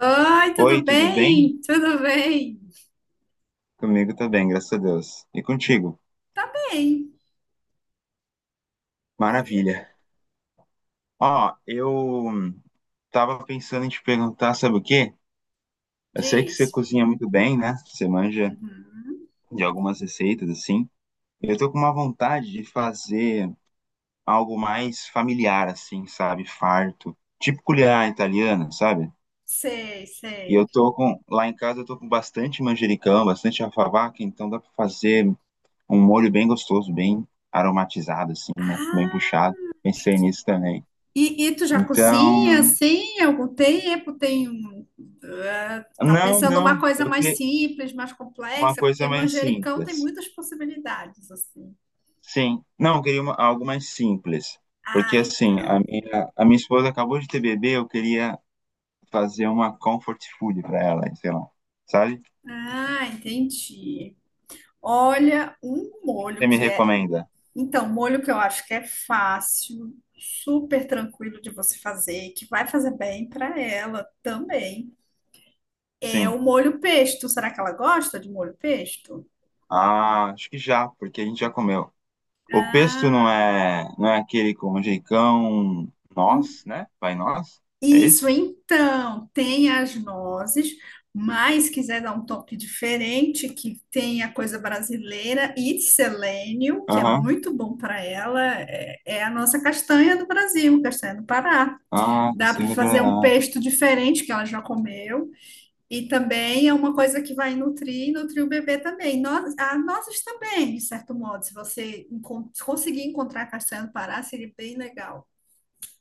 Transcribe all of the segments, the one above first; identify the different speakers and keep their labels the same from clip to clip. Speaker 1: Oi, tudo
Speaker 2: Oi, tudo bem?
Speaker 1: bem? Tudo bem?
Speaker 2: Comigo tá bem, graças a Deus. E contigo?
Speaker 1: Tá bem.
Speaker 2: Maravilha. Ó, eu tava pensando em te perguntar, sabe o quê? Eu sei que você
Speaker 1: Diz.
Speaker 2: cozinha muito bem, né? Você manja
Speaker 1: Uhum.
Speaker 2: de algumas receitas, assim. Eu tô com uma vontade de fazer algo mais familiar, assim, sabe? Farto. Tipo culinária italiana, sabe?
Speaker 1: Sei, sei.
Speaker 2: Lá em casa eu tô com bastante manjericão, bastante alfavaca, então dá pra fazer um molho bem gostoso, bem aromatizado, assim, né? Bem
Speaker 1: Ah,
Speaker 2: puxado. Pensei nisso também.
Speaker 1: e tu já cozinha,
Speaker 2: Então,
Speaker 1: sim, há algum tempo? Tá
Speaker 2: não,
Speaker 1: pensando uma
Speaker 2: não,
Speaker 1: coisa
Speaker 2: eu
Speaker 1: mais
Speaker 2: queria
Speaker 1: simples, mais
Speaker 2: uma
Speaker 1: complexa,
Speaker 2: coisa
Speaker 1: porque
Speaker 2: mais
Speaker 1: manjericão tem
Speaker 2: simples.
Speaker 1: muitas possibilidades, assim.
Speaker 2: Sim, não, eu queria algo mais simples. Porque,
Speaker 1: Ah,
Speaker 2: assim, a
Speaker 1: então.
Speaker 2: minha, a minha esposa acabou de ter bebê, eu queria fazer uma comfort food para ela, sei lá. Sabe? O
Speaker 1: Ah, entendi. Olha, um
Speaker 2: que você
Speaker 1: molho
Speaker 2: me
Speaker 1: que é
Speaker 2: recomenda?
Speaker 1: Então, molho que eu acho que é fácil, super tranquilo de você fazer, que vai fazer bem para ela também. É o
Speaker 2: Sim.
Speaker 1: molho pesto. Será que ela gosta de molho pesto?
Speaker 2: Ah, acho que já, porque a gente já comeu. O pesto não é aquele com manjericão, um
Speaker 1: Hum,
Speaker 2: nós, né? Vai nós? É
Speaker 1: Isso,
Speaker 2: esse?
Speaker 1: então, tem as nozes, mas quiser dar um toque diferente, que tem a coisa brasileira e selênio, que é
Speaker 2: Aham.
Speaker 1: muito bom para ela, é a nossa castanha do Brasil, castanha do Pará.
Speaker 2: Ah,
Speaker 1: Dá
Speaker 2: você
Speaker 1: para fazer um
Speaker 2: lembrará.
Speaker 1: pesto diferente que ela já comeu. E também é uma coisa que vai nutrir e nutrir o bebê também. Nós, a nozes também, de certo modo, se você conseguir encontrar castanha do Pará, seria bem legal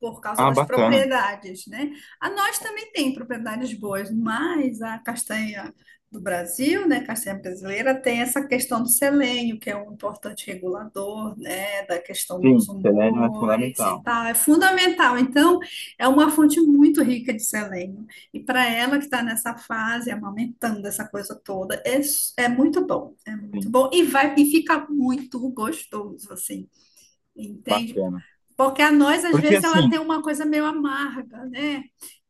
Speaker 1: por causa
Speaker 2: Ah,
Speaker 1: das
Speaker 2: bacana.
Speaker 1: propriedades, né? A nós também tem propriedades boas, mas a castanha do Brasil, né, castanha brasileira, tem essa questão do selênio, que é um importante regulador, né, da questão
Speaker 2: Sim,
Speaker 1: dos
Speaker 2: selênio é
Speaker 1: humores e
Speaker 2: fundamental.
Speaker 1: tal, é fundamental. Então, é uma fonte muito rica de selênio. E para ela que está nessa fase, amamentando essa coisa toda, é muito
Speaker 2: Sim,
Speaker 1: bom e vai e fica muito gostoso, assim, entende?
Speaker 2: bacana.
Speaker 1: Porque a noz, às
Speaker 2: Porque
Speaker 1: vezes, ela
Speaker 2: assim,
Speaker 1: tem uma coisa meio amarga, né?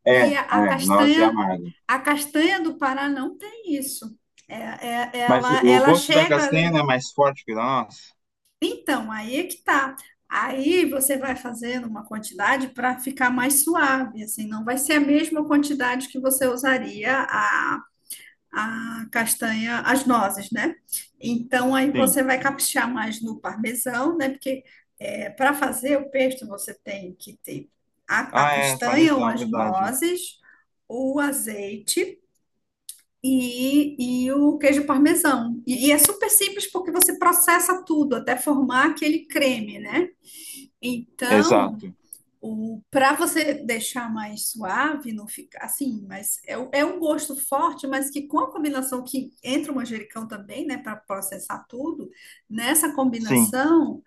Speaker 2: é,
Speaker 1: E a
Speaker 2: noz é
Speaker 1: castanha,
Speaker 2: amarga.
Speaker 1: a castanha do Pará não tem isso. É,
Speaker 2: Mas o,
Speaker 1: ela,
Speaker 2: o
Speaker 1: ela
Speaker 2: gosto da
Speaker 1: chega.
Speaker 2: castanha não é mais forte que o da noz?
Speaker 1: Então, aí é que tá. Aí você vai fazendo uma quantidade para ficar mais suave, assim, não vai ser a mesma quantidade que você usaria a castanha, as nozes, né? Então aí
Speaker 2: Sim.
Speaker 1: você vai caprichar mais no parmesão, né? Porque para fazer o pesto você tem que ter a
Speaker 2: Ah, é,
Speaker 1: castanha ou
Speaker 2: parmesão,
Speaker 1: as
Speaker 2: verdade.
Speaker 1: nozes, o azeite e o queijo parmesão. E é super simples porque você processa tudo até formar aquele creme, né? Então
Speaker 2: Exato.
Speaker 1: o, para você deixar mais suave, não ficar assim, é um gosto forte, mas que com a combinação que entra o manjericão também, né, para processar tudo, nessa
Speaker 2: Sim,
Speaker 1: combinação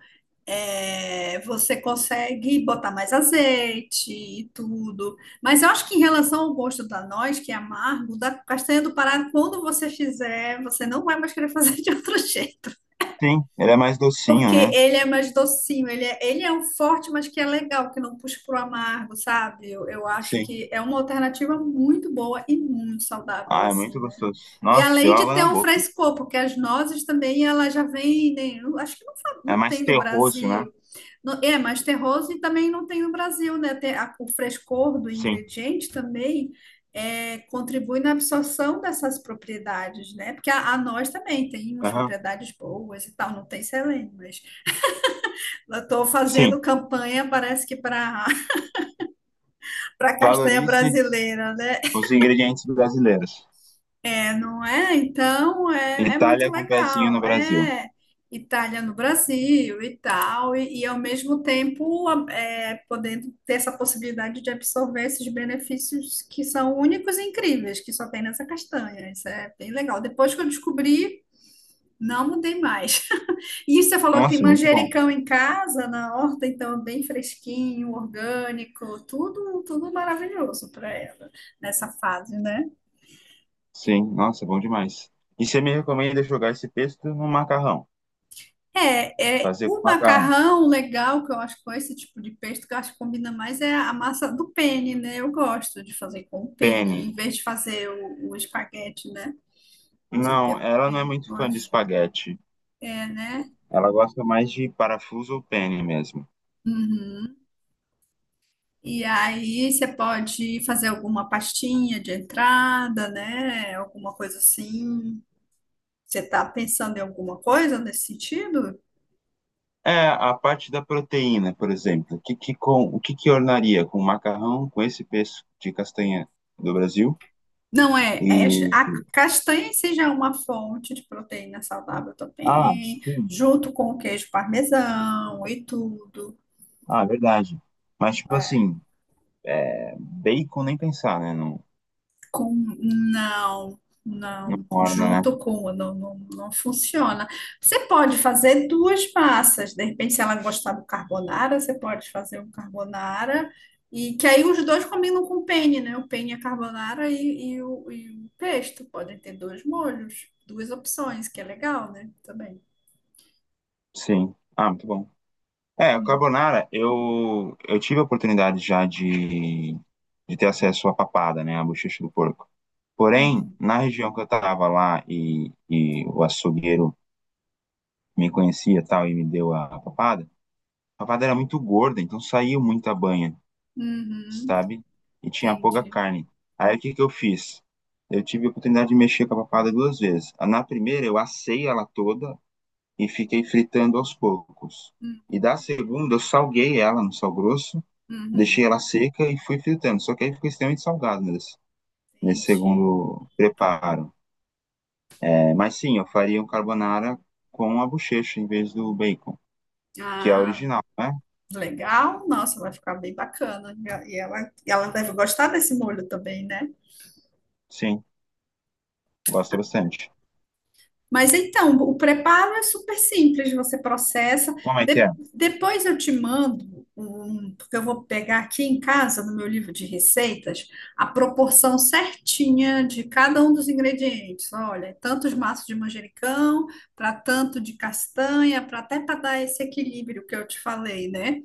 Speaker 1: você consegue botar mais azeite e tudo. Mas eu acho que em relação ao gosto da noz, que é amargo, da castanha do Pará, quando você fizer, você não vai mais querer fazer de outro jeito.
Speaker 2: sim. Ele é mais docinho,
Speaker 1: Porque
Speaker 2: né?
Speaker 1: ele é mais docinho, ele é um forte, mas que é legal, que não puxa pro amargo, sabe? Eu acho
Speaker 2: Sim.
Speaker 1: que é uma alternativa muito boa e muito saudável,
Speaker 2: Ah, é muito
Speaker 1: assim, né?
Speaker 2: gostoso.
Speaker 1: E
Speaker 2: Nossa, deu
Speaker 1: além de
Speaker 2: água
Speaker 1: ter
Speaker 2: na
Speaker 1: um
Speaker 2: boca.
Speaker 1: frescor, porque as nozes também, elas já vendem, eu acho que não,
Speaker 2: É
Speaker 1: não
Speaker 2: mais
Speaker 1: tem no
Speaker 2: terroso, né?
Speaker 1: Brasil. É mais terroso e também não tem no Brasil, né? Tem o frescor do
Speaker 2: Sim.
Speaker 1: ingrediente também contribui na absorção dessas propriedades, né? Porque a nós também tem umas
Speaker 2: Aham.
Speaker 1: propriedades boas e tal, não tem selênio, mas eu estou fazendo
Speaker 2: Sim.
Speaker 1: campanha, parece que para para castanha
Speaker 2: Valorize
Speaker 1: brasileira, né?
Speaker 2: os ingredientes brasileiros.
Speaker 1: É, não é? Então é muito
Speaker 2: Itália com pezinho no
Speaker 1: legal,
Speaker 2: Brasil.
Speaker 1: é Itália no Brasil e tal, e ao mesmo tempo podendo ter essa possibilidade de absorver esses benefícios que são únicos e incríveis, que só tem nessa castanha. Isso é bem legal. Depois que eu descobri, não mudei mais. E você falou que tem
Speaker 2: Nossa, muito bom.
Speaker 1: manjericão em casa, na horta, então é bem fresquinho, orgânico, tudo, tudo maravilhoso para ela nessa fase, né?
Speaker 2: Sim, nossa, bom demais. E você me recomenda jogar esse pesto no macarrão?
Speaker 1: É, é
Speaker 2: Fazer
Speaker 1: o
Speaker 2: com macarrão.
Speaker 1: macarrão legal que eu acho com esse tipo de pesto que eu acho que combina mais é a massa do penne, né? Eu gosto de fazer com o penne, em
Speaker 2: Penne.
Speaker 1: vez de fazer o espaguete, né? Você tem
Speaker 2: Não,
Speaker 1: o
Speaker 2: ela não é
Speaker 1: penne,
Speaker 2: muito
Speaker 1: eu
Speaker 2: fã de
Speaker 1: acho.
Speaker 2: espaguete.
Speaker 1: É, né?
Speaker 2: Ela gosta mais de parafuso ou penne mesmo.
Speaker 1: Uhum. E aí você pode fazer alguma pastinha de entrada, né? Alguma coisa assim. Você está pensando em alguma coisa nesse sentido?
Speaker 2: É, a parte da proteína, por exemplo. O que que ornaria com macarrão, com esse pesto de castanha do Brasil?
Speaker 1: Não é,
Speaker 2: E...
Speaker 1: a castanha em si já é uma fonte de proteína saudável
Speaker 2: Ah,
Speaker 1: também,
Speaker 2: sim.
Speaker 1: junto com o queijo parmesão e tudo,
Speaker 2: Ah, verdade. Mas, tipo
Speaker 1: né?
Speaker 2: assim, bacon nem pensar, né? Não
Speaker 1: Com, não, não,
Speaker 2: orna, né?
Speaker 1: não, não, não funciona. Você pode fazer duas massas, de repente, se ela gostar do carbonara, você pode fazer um carbonara, e que aí os dois combinam com o penne, né? O penne é carbonara e e o pesto, podem ter dois molhos, duas opções, que é legal, né? Também.
Speaker 2: Sim. Ah, muito bom. É, o
Speaker 1: Hum.
Speaker 2: carbonara, eu tive a oportunidade já de ter acesso à papada, né, à bochecha do porco. Porém,
Speaker 1: Uhum,
Speaker 2: na região que eu tava lá e o açougueiro me conhecia e tal e me deu a papada era muito gorda, então saiu muita banha,
Speaker 1: uhum,
Speaker 2: sabe? E tinha pouca
Speaker 1: entendi.
Speaker 2: carne. Aí o que que eu fiz? Eu tive a oportunidade de mexer com a papada duas vezes. Na primeira, eu assei ela toda e fiquei fritando aos poucos.
Speaker 1: Hum.
Speaker 2: E da segunda, eu salguei ela no sal grosso, deixei
Speaker 1: Uhum,
Speaker 2: ela seca e fui fritando. Só que aí ficou extremamente salgado nesse
Speaker 1: entendi.
Speaker 2: segundo preparo. É, mas sim, eu faria um carbonara com a bochecha em vez do bacon, que é a
Speaker 1: Ah,
Speaker 2: original, né?
Speaker 1: legal, nossa, vai ficar bem bacana. E ela, e ela deve gostar desse molho também, né?
Speaker 2: Sim, gosto bastante.
Speaker 1: Mas então, o preparo é super simples, você processa.
Speaker 2: Como é que é?
Speaker 1: Depois eu te mando um, porque eu vou pegar aqui em casa, no meu livro de receitas, a proporção certinha de cada um dos ingredientes. Olha, tantos maços de manjericão, para tanto de castanha, para até para dar esse equilíbrio que eu te falei, né?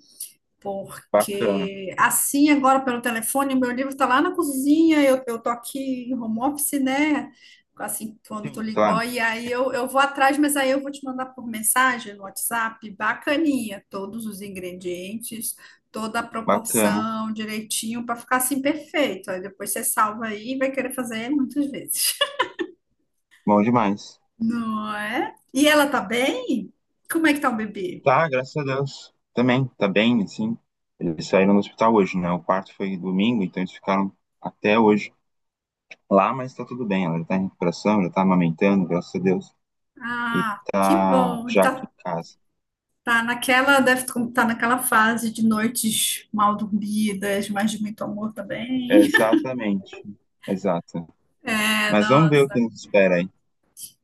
Speaker 2: Bacana.
Speaker 1: Porque assim, agora pelo telefone, o meu livro está lá na cozinha, eu tô aqui em home office, né? Assim, quando tu
Speaker 2: Sim,
Speaker 1: ligou,
Speaker 2: claro,
Speaker 1: e aí eu vou atrás, mas aí eu vou te mandar por mensagem no WhatsApp, bacaninha, todos os ingredientes, toda a
Speaker 2: bacana.
Speaker 1: proporção, direitinho, para ficar assim perfeito. Aí depois você salva aí e vai querer fazer muitas vezes.
Speaker 2: Bom demais.
Speaker 1: Não é? E ela tá bem? Como é que tá o bebê?
Speaker 2: Tá, graças a Deus. Também, tá bem, assim. Eles saíram do hospital hoje, né? O parto foi domingo, então eles ficaram até hoje lá, mas tá tudo bem. Ela já tá em recuperação, já tá amamentando, graças a Deus. E
Speaker 1: Ah, que
Speaker 2: tá
Speaker 1: bom. Ele
Speaker 2: já aqui
Speaker 1: tá
Speaker 2: em casa.
Speaker 1: tá naquela, deve estar naquela fase de noites mal dormidas, mas de muito amor também.
Speaker 2: Exatamente, exato.
Speaker 1: É,
Speaker 2: Mas vamos
Speaker 1: não,
Speaker 2: ver o que nos espera aí.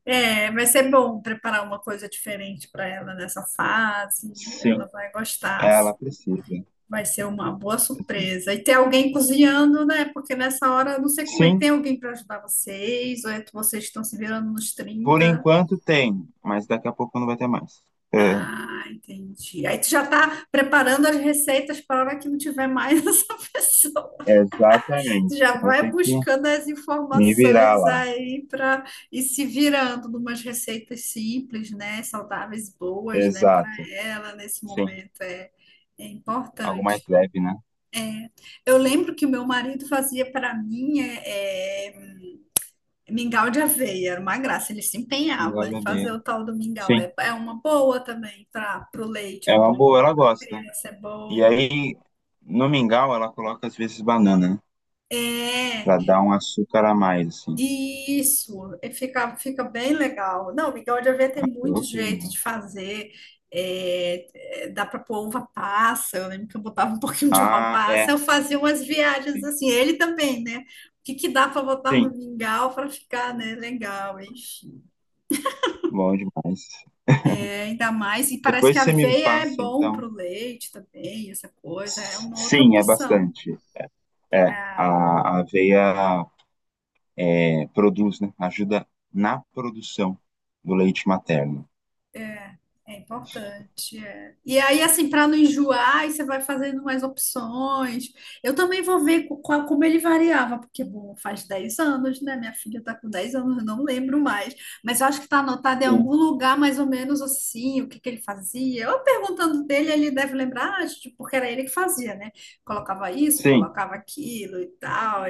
Speaker 1: é, vai ser bom preparar uma coisa diferente para ela nessa fase. Ela
Speaker 2: Sim,
Speaker 1: vai gostar.
Speaker 2: ela precisa,
Speaker 1: Vai ser uma boa
Speaker 2: precisa.
Speaker 1: surpresa. E ter alguém cozinhando, né? Porque nessa hora eu não sei como é.
Speaker 2: Sim,
Speaker 1: Tem alguém para ajudar vocês? Ou é que vocês estão se virando nos
Speaker 2: por
Speaker 1: trinta.
Speaker 2: enquanto tem, mas daqui a pouco não vai ter mais. É,
Speaker 1: Ah, entendi. Aí tu já tá preparando as receitas para a hora que não tiver mais essa pessoa.
Speaker 2: exatamente.
Speaker 1: Já
Speaker 2: Então vou
Speaker 1: vai
Speaker 2: ter que
Speaker 1: buscando as
Speaker 2: me virar
Speaker 1: informações
Speaker 2: lá.
Speaker 1: aí para e se virando numas receitas simples, né? Saudáveis, boas, né? Para
Speaker 2: Exato.
Speaker 1: ela nesse
Speaker 2: Sim,
Speaker 1: momento é
Speaker 2: algo mais
Speaker 1: importante.
Speaker 2: leve, né?
Speaker 1: Eu lembro que o meu marido fazia para mim mingau de aveia, era uma graça. Ele se empenhava
Speaker 2: Mingau
Speaker 1: em
Speaker 2: de
Speaker 1: fazer
Speaker 2: abelha.
Speaker 1: o tal do mingau.
Speaker 2: Sim,
Speaker 1: É, é uma boa também para o leite, é
Speaker 2: é uma boa,
Speaker 1: bom,
Speaker 2: ela
Speaker 1: para
Speaker 2: gosta.
Speaker 1: criança é
Speaker 2: E
Speaker 1: bom.
Speaker 2: aí, no mingau, ela coloca às vezes banana, né?
Speaker 1: É,
Speaker 2: Pra dar um açúcar a mais, assim.
Speaker 1: isso, é fica, fica bem legal. Não, migão de aveia tem muito
Speaker 2: Gosto
Speaker 1: jeito de
Speaker 2: demais.
Speaker 1: fazer. É, é, dá para pôr uva passa. Eu lembro que eu botava um pouquinho de uva
Speaker 2: Ah, é.
Speaker 1: passa. Eu fazia umas viagens
Speaker 2: Sim,
Speaker 1: assim. Ele também, né? O que que dá para botar no
Speaker 2: sim.
Speaker 1: mingau para ficar, né? Legal, enfim.
Speaker 2: Bom demais.
Speaker 1: É, ainda mais. E parece que
Speaker 2: Depois
Speaker 1: a
Speaker 2: você me
Speaker 1: aveia é
Speaker 2: passa,
Speaker 1: bom para
Speaker 2: então.
Speaker 1: o leite também, essa coisa. É
Speaker 2: S-
Speaker 1: uma outra
Speaker 2: Sim, é
Speaker 1: opção.
Speaker 2: bastante. É, a aveia produz, né? Ajuda na produção do leite materno.
Speaker 1: É importante, é. E aí, assim, para não enjoar, aí você vai fazendo mais opções. Eu também vou ver como ele variava, porque, bom, faz 10 anos, né? Minha filha tá com 10 anos, eu não lembro mais. Mas eu acho que tá anotado em
Speaker 2: Sim.
Speaker 1: algum lugar, mais ou menos assim, o que que ele fazia. Eu perguntando dele, ele deve lembrar, ah, tipo, porque era ele que fazia, né? Colocava isso,
Speaker 2: Sim.
Speaker 1: colocava aquilo e tal.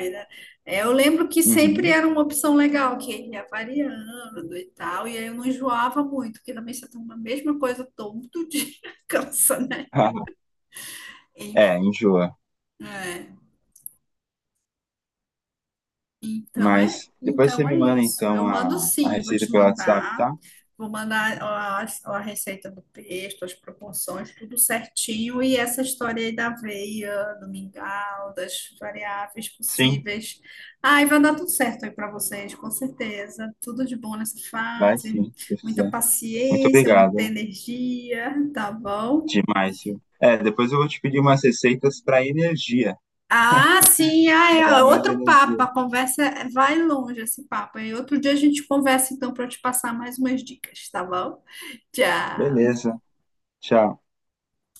Speaker 1: É, eu lembro que sempre
Speaker 2: Uhum.
Speaker 1: era uma opção legal, que ele ia variando e tal, e aí eu não enjoava muito, porque também você toma a mesma coisa todo dia, cansa, né?
Speaker 2: É,
Speaker 1: Enfim,
Speaker 2: enjoa.
Speaker 1: é. Então
Speaker 2: Mas depois você
Speaker 1: então é
Speaker 2: me manda,
Speaker 1: isso.
Speaker 2: então,
Speaker 1: Eu mando
Speaker 2: a
Speaker 1: sim, vou
Speaker 2: receita
Speaker 1: te
Speaker 2: pelo WhatsApp,
Speaker 1: mandar.
Speaker 2: tá?
Speaker 1: Vou mandar a receita do pesto, as proporções, tudo certinho. E essa história aí da aveia, do mingau, das variáveis
Speaker 2: Sim,
Speaker 1: possíveis. Ai, vai dar tudo certo aí para vocês, com certeza. Tudo de bom nessa
Speaker 2: vai
Speaker 1: fase.
Speaker 2: sim, se você
Speaker 1: Muita
Speaker 2: quiser. Muito
Speaker 1: paciência, muita
Speaker 2: obrigado.
Speaker 1: energia, tá bom?
Speaker 2: Demais, viu? É, depois eu vou te pedir umas receitas para energia,
Speaker 1: Ah, sim, ah,
Speaker 2: para
Speaker 1: é
Speaker 2: dar mais
Speaker 1: outro papo.
Speaker 2: energia.
Speaker 1: A conversa vai longe esse papo. E outro dia a gente conversa então para eu te passar mais umas dicas, tá bom? Tchau.
Speaker 2: Beleza. Tchau.